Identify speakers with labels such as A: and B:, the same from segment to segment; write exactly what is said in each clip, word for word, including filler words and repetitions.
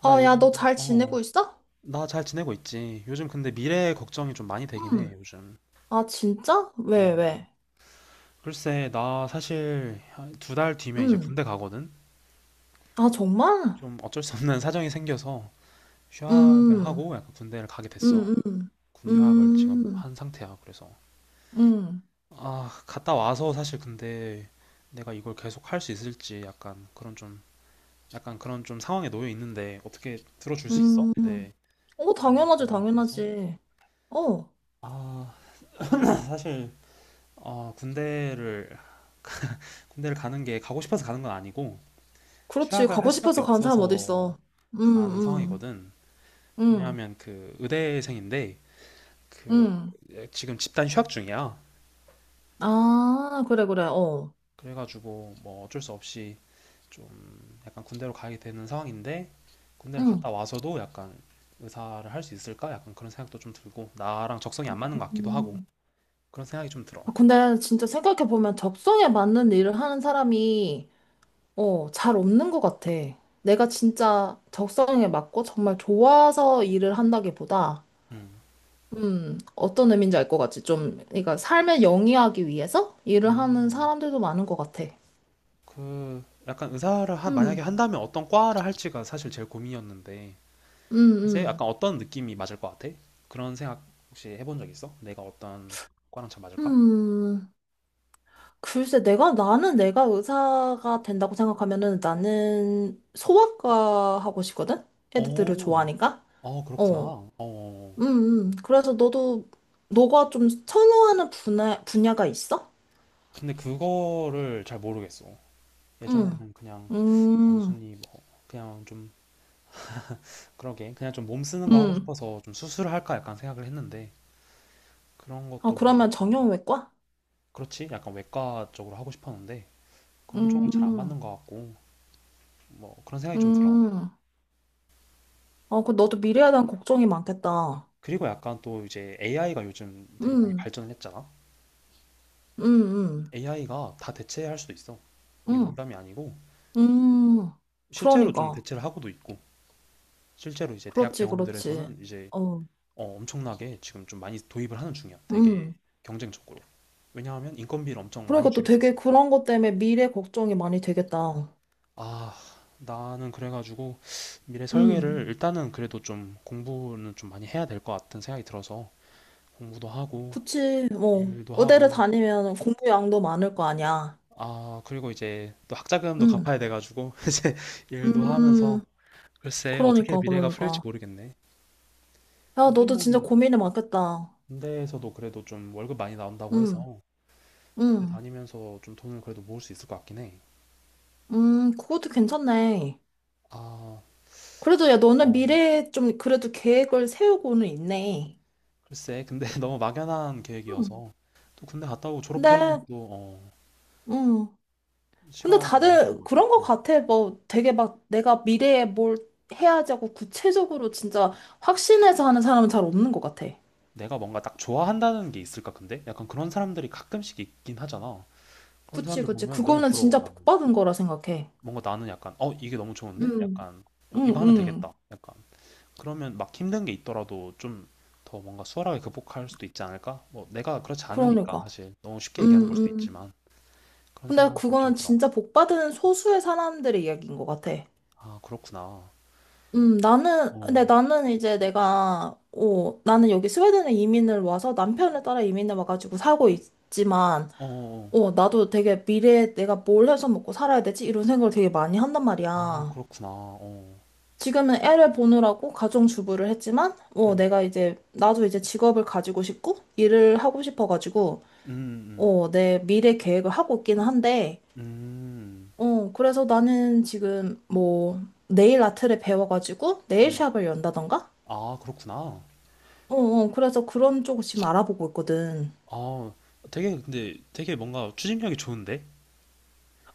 A: 나
B: 어, 야,
A: 요즘,
B: 너 잘
A: 어,
B: 지내고 있어?
A: 나 잘 지내고 있지. 요즘 근데 미래 걱정이 좀 많이 되긴 해,
B: 음.
A: 요즘.
B: 아, 진짜?
A: 어,
B: 왜, 왜?
A: 글쎄, 나 사실 두 달 뒤면 이제
B: 음.
A: 군대 가거든?
B: 아, 정말?
A: 좀 어쩔 수 없는 사정이 생겨서 휴학을
B: 음.
A: 하고 약간 군대를 가게 됐어.
B: 음, 음.
A: 군 휴학을 지금
B: 음.
A: 한 상태야, 그래서.
B: 음.
A: 아, 갔다 와서 사실 근데 내가 이걸 계속 할 수 있을지 약간 그런 좀, 약간 그런 좀 상황에 놓여 있는데 어떻게 들어줄 수 있어?
B: 음.
A: 내
B: 어,
A: 미래
B: 당연하지,
A: 고민에 대해서?
B: 당연하지. 어,
A: 아, 사실 어, 군대를 군대를 가는 게 가고 싶어서 가는 건 아니고
B: 그렇지.
A: 휴학을 할
B: 가고
A: 수밖에
B: 싶어서 가는 사람
A: 없어서
B: 어딨어. 음,
A: 가는
B: 음.
A: 상황이거든.
B: 음.
A: 왜냐하면 그 의대생인데 그
B: 음.
A: 지금 집단 휴학 중이야.
B: 아, 그래, 그래. 어.
A: 그래가지고 뭐 어쩔 수 없이 좀 약간 군대로 가게 되는 상황인데 군대를 갔다
B: 음.
A: 와서도 약간 의사를 할 수 있을까? 약간 그런 생각도 좀 들고 나랑 적성이 안 맞는 것 같기도 하고
B: 음.
A: 그런 생각이 좀 들어.
B: 아, 근데 진짜 생각해보면 적성에 맞는 일을 하는 사람이 어, 잘 없는 것 같아. 내가 진짜 적성에 맞고 정말 좋아서 일을 한다기보다,
A: 음.
B: 음, 어떤 의미인지 알 것 같지? 좀, 그러니까 삶을 영위하기 위해서 일을 하는
A: 음.
B: 사람들도 많은 것 같아.
A: 그 약간 의사를 한, 만약에
B: 음,
A: 한다면 어떤 과를 할지가 사실 제일 고민이었는데
B: 음,
A: 글쎄 약간
B: 음.
A: 어떤 느낌이 맞을 것 같아? 그런 생각 혹시 해본 적 있어? 내가 어떤 과랑 잘 맞을까?
B: 음, 글쎄, 내가, 나는 내가 의사가 된다고 생각하면은 나는 소아과 하고 싶거든? 애들을
A: 오,
B: 좋아하니까?
A: 어 그렇구나.
B: 어, 음,
A: 어
B: 음. 그래서 너도, 너가 좀 선호하는 분야, 분야가 있어?
A: 근데 그거를 잘 모르겠어.
B: 음,
A: 예전에는 그냥
B: 음,
A: 단순히 뭐 그냥 좀 그러게 그냥 좀 몸 쓰는 거 하고
B: 음.
A: 싶어서 좀 수술을 할까 약간 생각을 했는데 그런
B: 아,
A: 것도 뭔가
B: 그러면
A: 좀
B: 정형외과?
A: 그렇지? 약간 외과 쪽으로 하고 싶었는데 그런 쪽으로 잘 안
B: 음,
A: 맞는 것 같고 뭐 그런 생각이 좀 들어.
B: 음. 아, 그 너도 미래에 대한 걱정이 많겠다.
A: 그리고 약간 또 이제 에이아이가 요즘 되게 많이
B: 음,
A: 발전을 했잖아.
B: 음, 음,
A: 에이아이가 다 대체할 수도 있어. 이게
B: 음,
A: 농담이 아니고
B: 음.
A: 실제로 좀
B: 그러니까.
A: 대체를 하고도 있고 실제로 이제 대학
B: 그렇지, 그렇지.
A: 병원들에서는 이제
B: 어,
A: 어, 엄청나게 지금 좀 많이 도입을 하는 중이야. 되게
B: 음.
A: 경쟁적으로. 왜냐하면 인건비를 엄청 많이
B: 그러니까 또
A: 줄일 수
B: 되게
A: 있으니까.
B: 그런 것 때문에 미래 걱정이 많이 되겠다.
A: 아, 나는 그래가지고 미래 설계를
B: 음,
A: 일단은 그래도 좀 공부는 좀 많이 해야 될 것 같은 생각이 들어서 공부도 하고
B: 그치. 뭐,
A: 일도
B: 의대를
A: 하고
B: 다니면 공부량도 많을 거 아니야.
A: 아, 그리고 이제 또 학자금도
B: 음,
A: 갚아야 돼가지고, 이제 일도
B: 음.
A: 하면서, 글쎄, 어떻게
B: 그러니까,
A: 미래가 풀릴지
B: 그러니까.
A: 모르겠네.
B: 야, 너도
A: 요즘은
B: 진짜 고민이 많겠다.
A: 군대에서도 그래도 좀 월급 많이 나온다고
B: 음.
A: 해서, 군대
B: 음,
A: 다니면서 좀 돈을 그래도 모을 수 있을 것 같긴 해.
B: 음, 그것도 괜찮네.
A: 아,
B: 그래도 야, 너는
A: 어,
B: 미래에 좀 그래도 계획을 세우고는 있네.
A: 글쎄, 근데 너무 막연한
B: 음.
A: 계획이어서, 또 군대 갔다 오고
B: 근데,
A: 졸업하려면 또, 어,
B: 음, 근데
A: 시간이 많이
B: 다들
A: 걸리거든.
B: 그런 것
A: 음.
B: 같아. 뭐 되게 막 내가 미래에 뭘 해야지 하고 구체적으로 진짜 확신해서 하는 사람은 잘 없는 것 같아.
A: 내가 뭔가 딱 좋아한다는 게 있을까, 근데? 약간 그런 사람들이 가끔씩 있긴 하잖아. 그런
B: 그치,
A: 사람들
B: 그치.
A: 보면 너무
B: 그거는
A: 부러워,
B: 진짜
A: 나
B: 복 받은 거라 생각해.
A: 뭔가 나는 약간 어 이게 너무 좋은데
B: 음.
A: 약간 어,
B: 응,
A: 이거 하면
B: 응.
A: 되겠다 약간 그러면 막 힘든 게 있더라도 좀 더 뭔가 수월하게 극복할 수도 있지 않을까? 뭐 내가 그렇지 않으니까
B: 그러니까.
A: 사실 너무 쉽게
B: 응,
A: 얘기하는 걸 수도
B: 응.
A: 있지만 그런
B: 근데
A: 생각이 좀
B: 그거는
A: 들어.
B: 진짜 복 받은 소수의 사람들의 이야기인 것 같아.
A: 아 그렇구나. 어,
B: 음, 나는, 근데
A: 어,
B: 나는 이제 내가, 어, 나는 여기 스웨덴에 이민을 와서 남편을 따라 이민을 와가지고 살고 있지만,
A: 어, 어.
B: 어, 나도 되게 미래에 내가 뭘 해서 먹고 살아야 되지? 이런 생각을 되게 많이 한단
A: 아
B: 말이야.
A: 그렇구나. 어,
B: 지금은 애를 보느라고 가정주부를 했지만, 어,
A: 음,
B: 내가 이제, 나도 이제 직업을 가지고 싶고, 일을 하고 싶어가지고,
A: 음, 음,
B: 어, 내 미래 계획을 하고 있기는 한데,
A: 음,
B: 어, 그래서 나는 지금 뭐, 네일 아트를 배워가지고,
A: 음. 음.
B: 네일샵을 연다던가?
A: 아 그렇구나.
B: 어, 어, 그래서 그런 쪽을 지금 알아보고 있거든.
A: 아 되게 근데 되게 뭔가 추진력이 좋은데?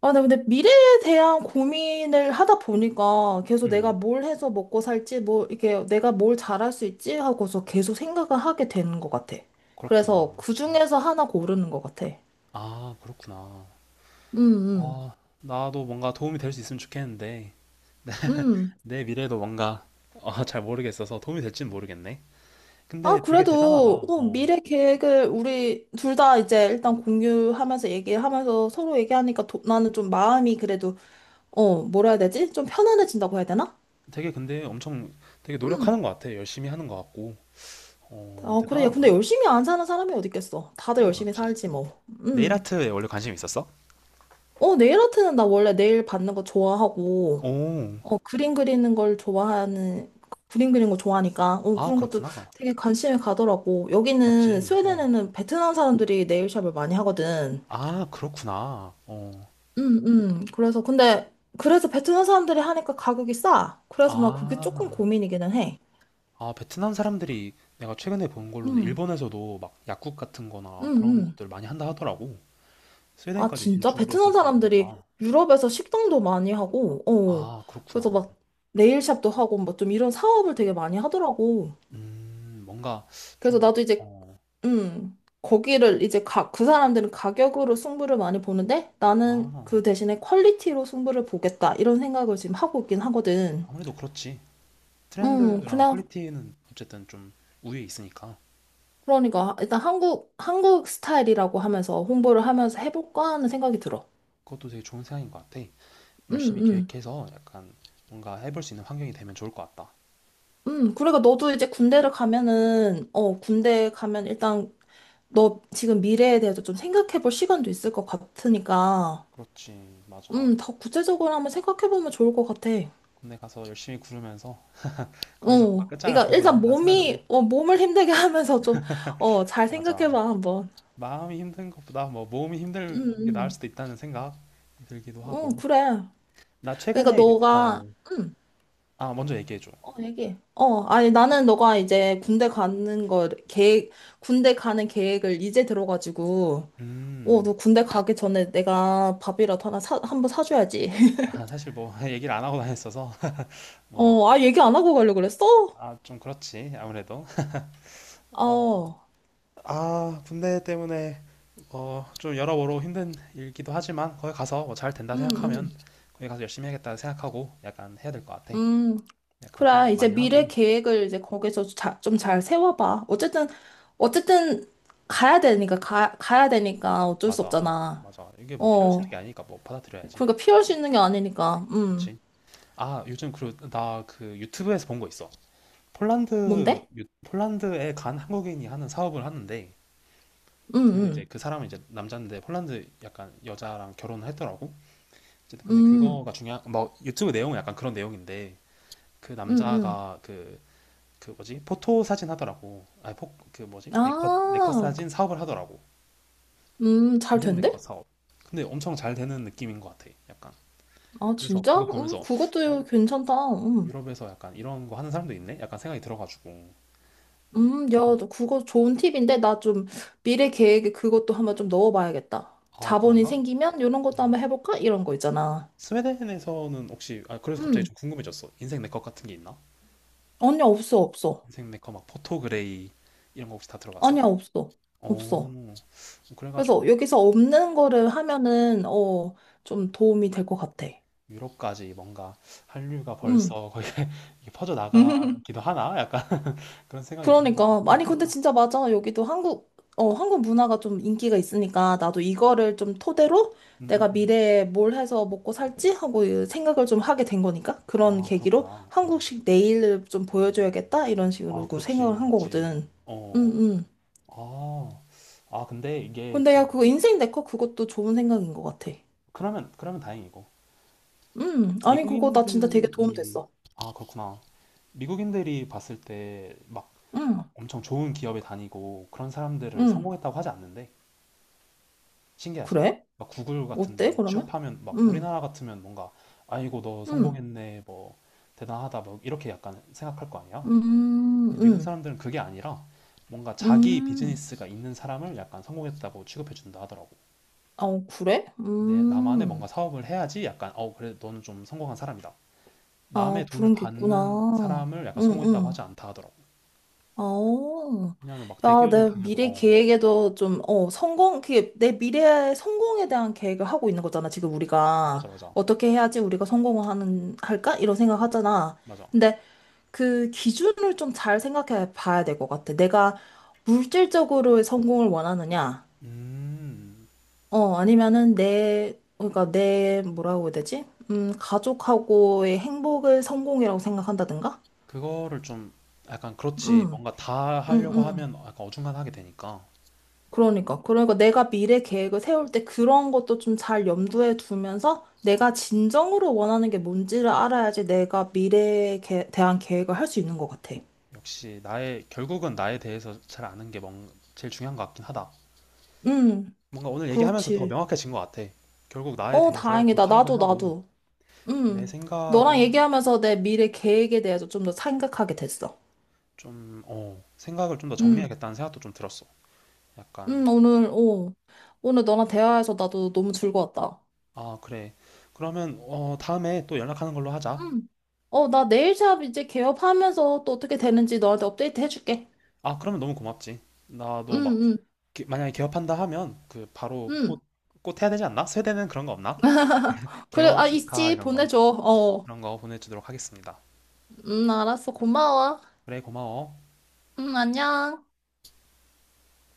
B: 아, 나 근데 미래에 대한 고민을 하다 보니까 계속 내가
A: 음,
B: 뭘 해서 먹고 살지, 뭐, 이렇게 내가 뭘 잘할 수 있지 하고서 계속 생각을 하게 되는 것 같아. 그래서
A: 그렇구나.
B: 그
A: 음.
B: 중에서 하나 고르는 것 같아.
A: 아 그렇구나.
B: 음,
A: 어, 나도 뭔가 도움이 될 수 있으면 좋겠는데,
B: 음, 음.
A: 내 미래도 뭔가, 어, 잘 모르겠어서 도움이 될지는 모르겠네.
B: 아,
A: 근데 되게
B: 그래도,
A: 대단하다.
B: 어,
A: 어,
B: 미래 계획을 우리 둘 다 이제 일단 공유하면서 얘기하면서 서로 얘기하니까 도- 나는 좀 마음이 그래도, 어, 뭐라 해야 되지? 좀 편안해진다고 해야 되나?
A: 되게 근데 엄청 되게
B: 음.
A: 노력하는 것 같아. 열심히 하는 것 같고. 어,
B: 아, 그래. 야, 근데
A: 대단한걸?
B: 열심히 안 사는 사람이 어디 있겠어. 다들
A: 그런 거
B: 열심히
A: 같지.
B: 살지, 뭐.
A: 네일
B: 음.
A: 아트에 원래 관심이 있었어?
B: 어, 네일 아트는 나 원래 네일 받는 거 좋아하고,
A: 오,
B: 어, 그림 그리는 걸 좋아하는, 그림 그리는 거 좋아하니까, 어,
A: 아,
B: 그런 것도
A: 그렇구나.
B: 되게 관심이 가더라고. 여기는,
A: 맞지. 어.
B: 스웨덴에는 베트남 사람들이 네일샵을 많이 하거든.
A: 아, 그렇구나. 어.
B: 음, 음. 그래서, 근데, 그래서 베트남 사람들이 하니까 가격이 싸. 그래서 나 그게 조금
A: 아,
B: 고민이기는 해.
A: 아, 베트남 사람들이 내가 최근에 본 걸로는
B: 음,
A: 일본에서도 막 약국 같은
B: 음,
A: 거나 그런
B: 음.
A: 것들 많이 한다 하더라고.
B: 아,
A: 스웨덴까지
B: 진짜?
A: 진출을 했을
B: 베트남
A: 줄
B: 사람들이
A: 몰랐다.
B: 유럽에서 식당도 많이 하고, 어.
A: 아,
B: 그래서
A: 그렇구나.
B: 막 네일샵도 하고, 뭐 좀 이런 사업을 되게 많이 하더라고.
A: 음, 뭔가
B: 그래서
A: 좀,
B: 나도 이제,
A: 어,
B: 음, 거기를 이제 가, 그 사람들은 가격으로 승부를 많이 보는데 나는
A: 아,
B: 그 대신에 퀄리티로 승부를 보겠다. 이런 생각을 지금 하고 있긴 하거든.
A: 아무래도 그렇지.
B: 음,
A: 트렌드랑
B: 그냥,
A: 퀄리티는 어쨌든 좀 우위에 있으니까
B: 그러니까 일단 한국, 한국 스타일이라고 하면서 홍보를 하면서 해볼까 하는 생각이 들어.
A: 그것도 되게 좋은 생각인 것 같아.
B: 음,
A: 열심히
B: 음.
A: 계획해서 약간 뭔가 해볼 수 있는 환경이 되면 좋을 것 같다.
B: 음, 그러니까 너도 이제 군대를 가면은, 어, 군대 가면 일단 너 지금 미래에 대해서 좀 생각해 볼 시간도 있을 것 같으니까,
A: 그렇지, 맞아.
B: 음, 더 구체적으로 한번 생각해 보면 좋을 것 같아.
A: 군대 가서 열심히 구르면서 거기서 뭔가
B: 어,
A: 끝장을
B: 그러니까
A: 보고
B: 일단
A: 나온다는 생각으로.
B: 몸이, 어, 몸을 힘들게 하면서 좀, 어, 잘 생각해
A: 맞아.
B: 봐, 한번.
A: 마음이 힘든 것보다 뭐 몸이 힘들 게 나을
B: 음,
A: 수도 있다는 생각 들기도
B: 음, 음,
A: 하고.
B: 그래.
A: 나
B: 그러니까
A: 최근에 유-
B: 너가,
A: 어,
B: 음,
A: 아, 먼저 얘기해줘.
B: 어, 얘기해. 어, 아니, 나는 너가 이제 군대 가는 걸, 계획, 군대 가는 계획을 이제 들어가지고, 어,
A: 음,
B: 너 군대 가기 전에 내가 밥이라도 하나 사, 한번 사줘야지.
A: 아, 사실 뭐, 얘기를 안 하고 다녔어서, 뭐,
B: 어, 아, 얘기 안 하고 가려고 그랬어?
A: 아, 좀 그렇지, 아무래도. 어,
B: 어,
A: 아, 군대 때문에, 어, 좀 여러모로 힘든 일기도 하지만, 거기 가서 뭐 잘 된다
B: 음,
A: 생각하면,
B: 음,
A: 거기 가서 열심히 해야겠다 생각하고, 약간 해야 될 것 같아.
B: 음.
A: 약간
B: 그래,
A: 공부도
B: 이제
A: 많이 하고.
B: 미래 계획을 이제 거기서 좀 잘 세워봐. 어쨌든, 어쨌든, 가야 되니까, 가, 가야 되니까 어쩔 수
A: 맞아,
B: 없잖아.
A: 맞아. 이게 뭐 피할 수 있는 게
B: 어,
A: 아니니까 뭐 받아들여야지.
B: 그러니까 피할 수 있는 게 아니니까, 음.
A: 그치? 아, 요즘 그, 나 그 유튜브에서 본 거 있어. 폴란드,
B: 뭔데?
A: 유- 폴란드에 간 한국인이 하는 사업을 하는데,
B: 음,
A: 그 이제
B: 음,
A: 그 사람은 이제 남자인데 폴란드 약간 여자랑 결혼을 했더라고. 이제 근데
B: 음,
A: 그거가 중요한 뭐 유튜브 내용은 약간 그런 내용인데 그
B: 음, 음.
A: 남자가 그 그 뭐지 포토 사진 하더라고. 아니 포그 뭐지 네컷 네컷
B: 아,
A: 사진 사업을 하더라고.
B: 음, 잘
A: 인생 네컷
B: 된대?
A: 사업. 근데 엄청 잘 되는 느낌인 것 같아. 약간
B: 아,
A: 그래서
B: 진짜?
A: 그거
B: 음,
A: 보면서 어,
B: 그것도 괜찮다. 음.
A: 유럽에서 약간 이런 거 하는 사람도 있네. 약간 생각이 들어가지고
B: 음, 야,
A: 약간
B: 너 그거 좋은 팁인데 나 좀 미래 계획에 그것도 한번 좀 넣어봐야겠다.
A: 아
B: 자본이
A: 그런가?
B: 생기면 이런 것도
A: 어.
B: 한번 해볼까? 이런 거 있잖아.
A: 스웨덴에서는 혹시 아 그래서 갑자기
B: 음,
A: 좀 궁금해졌어. 인생 네컷 같은 게 있나?
B: 아니야, 없어, 없어.
A: 인생 네커 막 포토그레이 이런 거 혹시 다 들어봤어?
B: 아니야, 없어. 없어.
A: 오, 그래가지고
B: 그래서 여기서 없는 거를 하면은, 어, 좀 도움이 될 것 같아.
A: 유럽까지 뭔가 한류가
B: 음.
A: 벌써 거의 이게 퍼져나가기도 하나? 약간 그런 생각이
B: 그러니까
A: 들어가지고.
B: 아니 근데 진짜 맞아 여기도 한국 어 한국 문화가 좀 인기가 있으니까 나도 이거를 좀 토대로
A: 음, 음,
B: 내가
A: 음.
B: 미래에 뭘 해서 먹고 살지 하고 이 생각을 좀 하게 된 거니까 그런
A: 아,
B: 계기로
A: 그렇구나. 어.
B: 한국식 내일을 좀 보여줘야겠다 이런 식으로
A: 아,
B: 그
A: 그렇지.
B: 생각을 한
A: 맞지.
B: 거거든
A: 어.
B: 응응.
A: 어. 아, 아, 근데 이게,
B: 근데
A: 그-
B: 야 그거 인생 네컷 그것도 좋은 생각인 것 같아
A: 그러면, 그러면 다행이고.
B: 응 아니 그거 나 진짜 되게 도움
A: 미국인들이,
B: 됐어
A: 아, 그렇구나. 미국인들이 봤을 때 막
B: 응
A: 엄청 좋은 기업에 다니고 그런 사람들을
B: 응
A: 성공했다고 하지 않는데, 신기하지.
B: 그래
A: 막 구글
B: 어때
A: 같은데
B: 그러면
A: 취업하면 막
B: 응
A: 우리나라 같으면 뭔가 아이고 너
B: 응
A: 성공했네 뭐 대단하다 뭐 이렇게 약간 생각할 거
B: 응
A: 아니야.
B: 응
A: 근데 미국
B: 음,
A: 사람들은 그게 아니라 뭔가
B: 음,
A: 자기
B: 음.
A: 비즈니스가 있는 사람을 약간 성공했다고 취급해 준다 하더라고.
B: 아, 어, 그래?
A: 내 나만의 뭔가
B: 음,
A: 사업을 해야지 약간 어 그래 너는 좀 성공한 사람이다.
B: 아,
A: 남의 돈을
B: 그런 게
A: 받는
B: 있구나.
A: 사람을 약간
B: 응,
A: 성공했다고
B: 응.
A: 하지 않다 하더라고.
B: 아
A: 왜냐하면 막
B: 야,
A: 대기업을
B: 내
A: 다녀도
B: 미래
A: 어 어,
B: 계획에도 좀, 어, 성공, 그게 내 미래의 성공에 대한 계획을 하고 있는 거잖아, 지금 우리가.
A: 맞아 맞아
B: 어떻게 해야지 우리가 성공을 하는, 할까? 이런 생각 하잖아.
A: 맞아.
B: 근데 그 기준을 좀 잘 생각해 봐야 될 것 같아. 내가 물질적으로의 성공을 원하느냐?
A: 음
B: 어, 아니면은 내, 그러니까 내, 뭐라고 해야 되지? 음, 가족하고의 행복을 성공이라고 생각한다든가?
A: 그거를 좀 약간 그렇지.
B: 음,
A: 뭔가 다
B: 음,
A: 하려고
B: 음.
A: 하면 약간 어중간하게 되니까.
B: 그러니까. 그러니까 내가 미래 계획을 세울 때 그런 것도 좀 잘 염두에 두면서 내가 진정으로 원하는 게 뭔지를 알아야지 내가 미래에 개- 대한 계획을 할 수 있는 것 같아.
A: 역시 나의, 결국은 나에 대해서 잘 아는 게 뭔, 제일 중요한 것 같긴 하다.
B: 음,
A: 뭔가 오늘 얘기하면서 더
B: 그렇지.
A: 명확해진 것 같아. 결국 나에
B: 어,
A: 대해서 더
B: 다행이다.
A: 파악을
B: 나도,
A: 하고
B: 나도.
A: 내
B: 음, 너랑
A: 생각을
B: 얘기하면서 내 미래 계획에 대해서 좀 더 생각하게 됐어.
A: 좀, 어, 생각을 좀 더
B: 음.
A: 정리해야겠다는 생각도 좀 들었어. 약간,
B: 응, 오늘, 오. 오늘 너랑 대화해서 나도 너무 즐거웠다.
A: 아, 그래. 그러면, 어, 다음에 또 연락하는 걸로 하자.
B: 응, 어, 나 네일샵 이제 개업하면서 또 어떻게 되는지 너한테 업데이트 해줄게.
A: 아, 그러면 너무 고맙지.
B: 응,
A: 나도 막,
B: 응,
A: 기- 만약에 개업한다 하면 그 바로 꽃,
B: 응.
A: 꽃 해야 되지 않나? 세대는 그런 거 없나?
B: 그래,
A: 개원
B: 아,
A: 축하
B: 있지.
A: 이런 거
B: 보내줘. 어.
A: 그런 거 보내주도록 하겠습니다.
B: 응, 알았어. 고마워.
A: 그래 고마워.
B: 응, 안녕.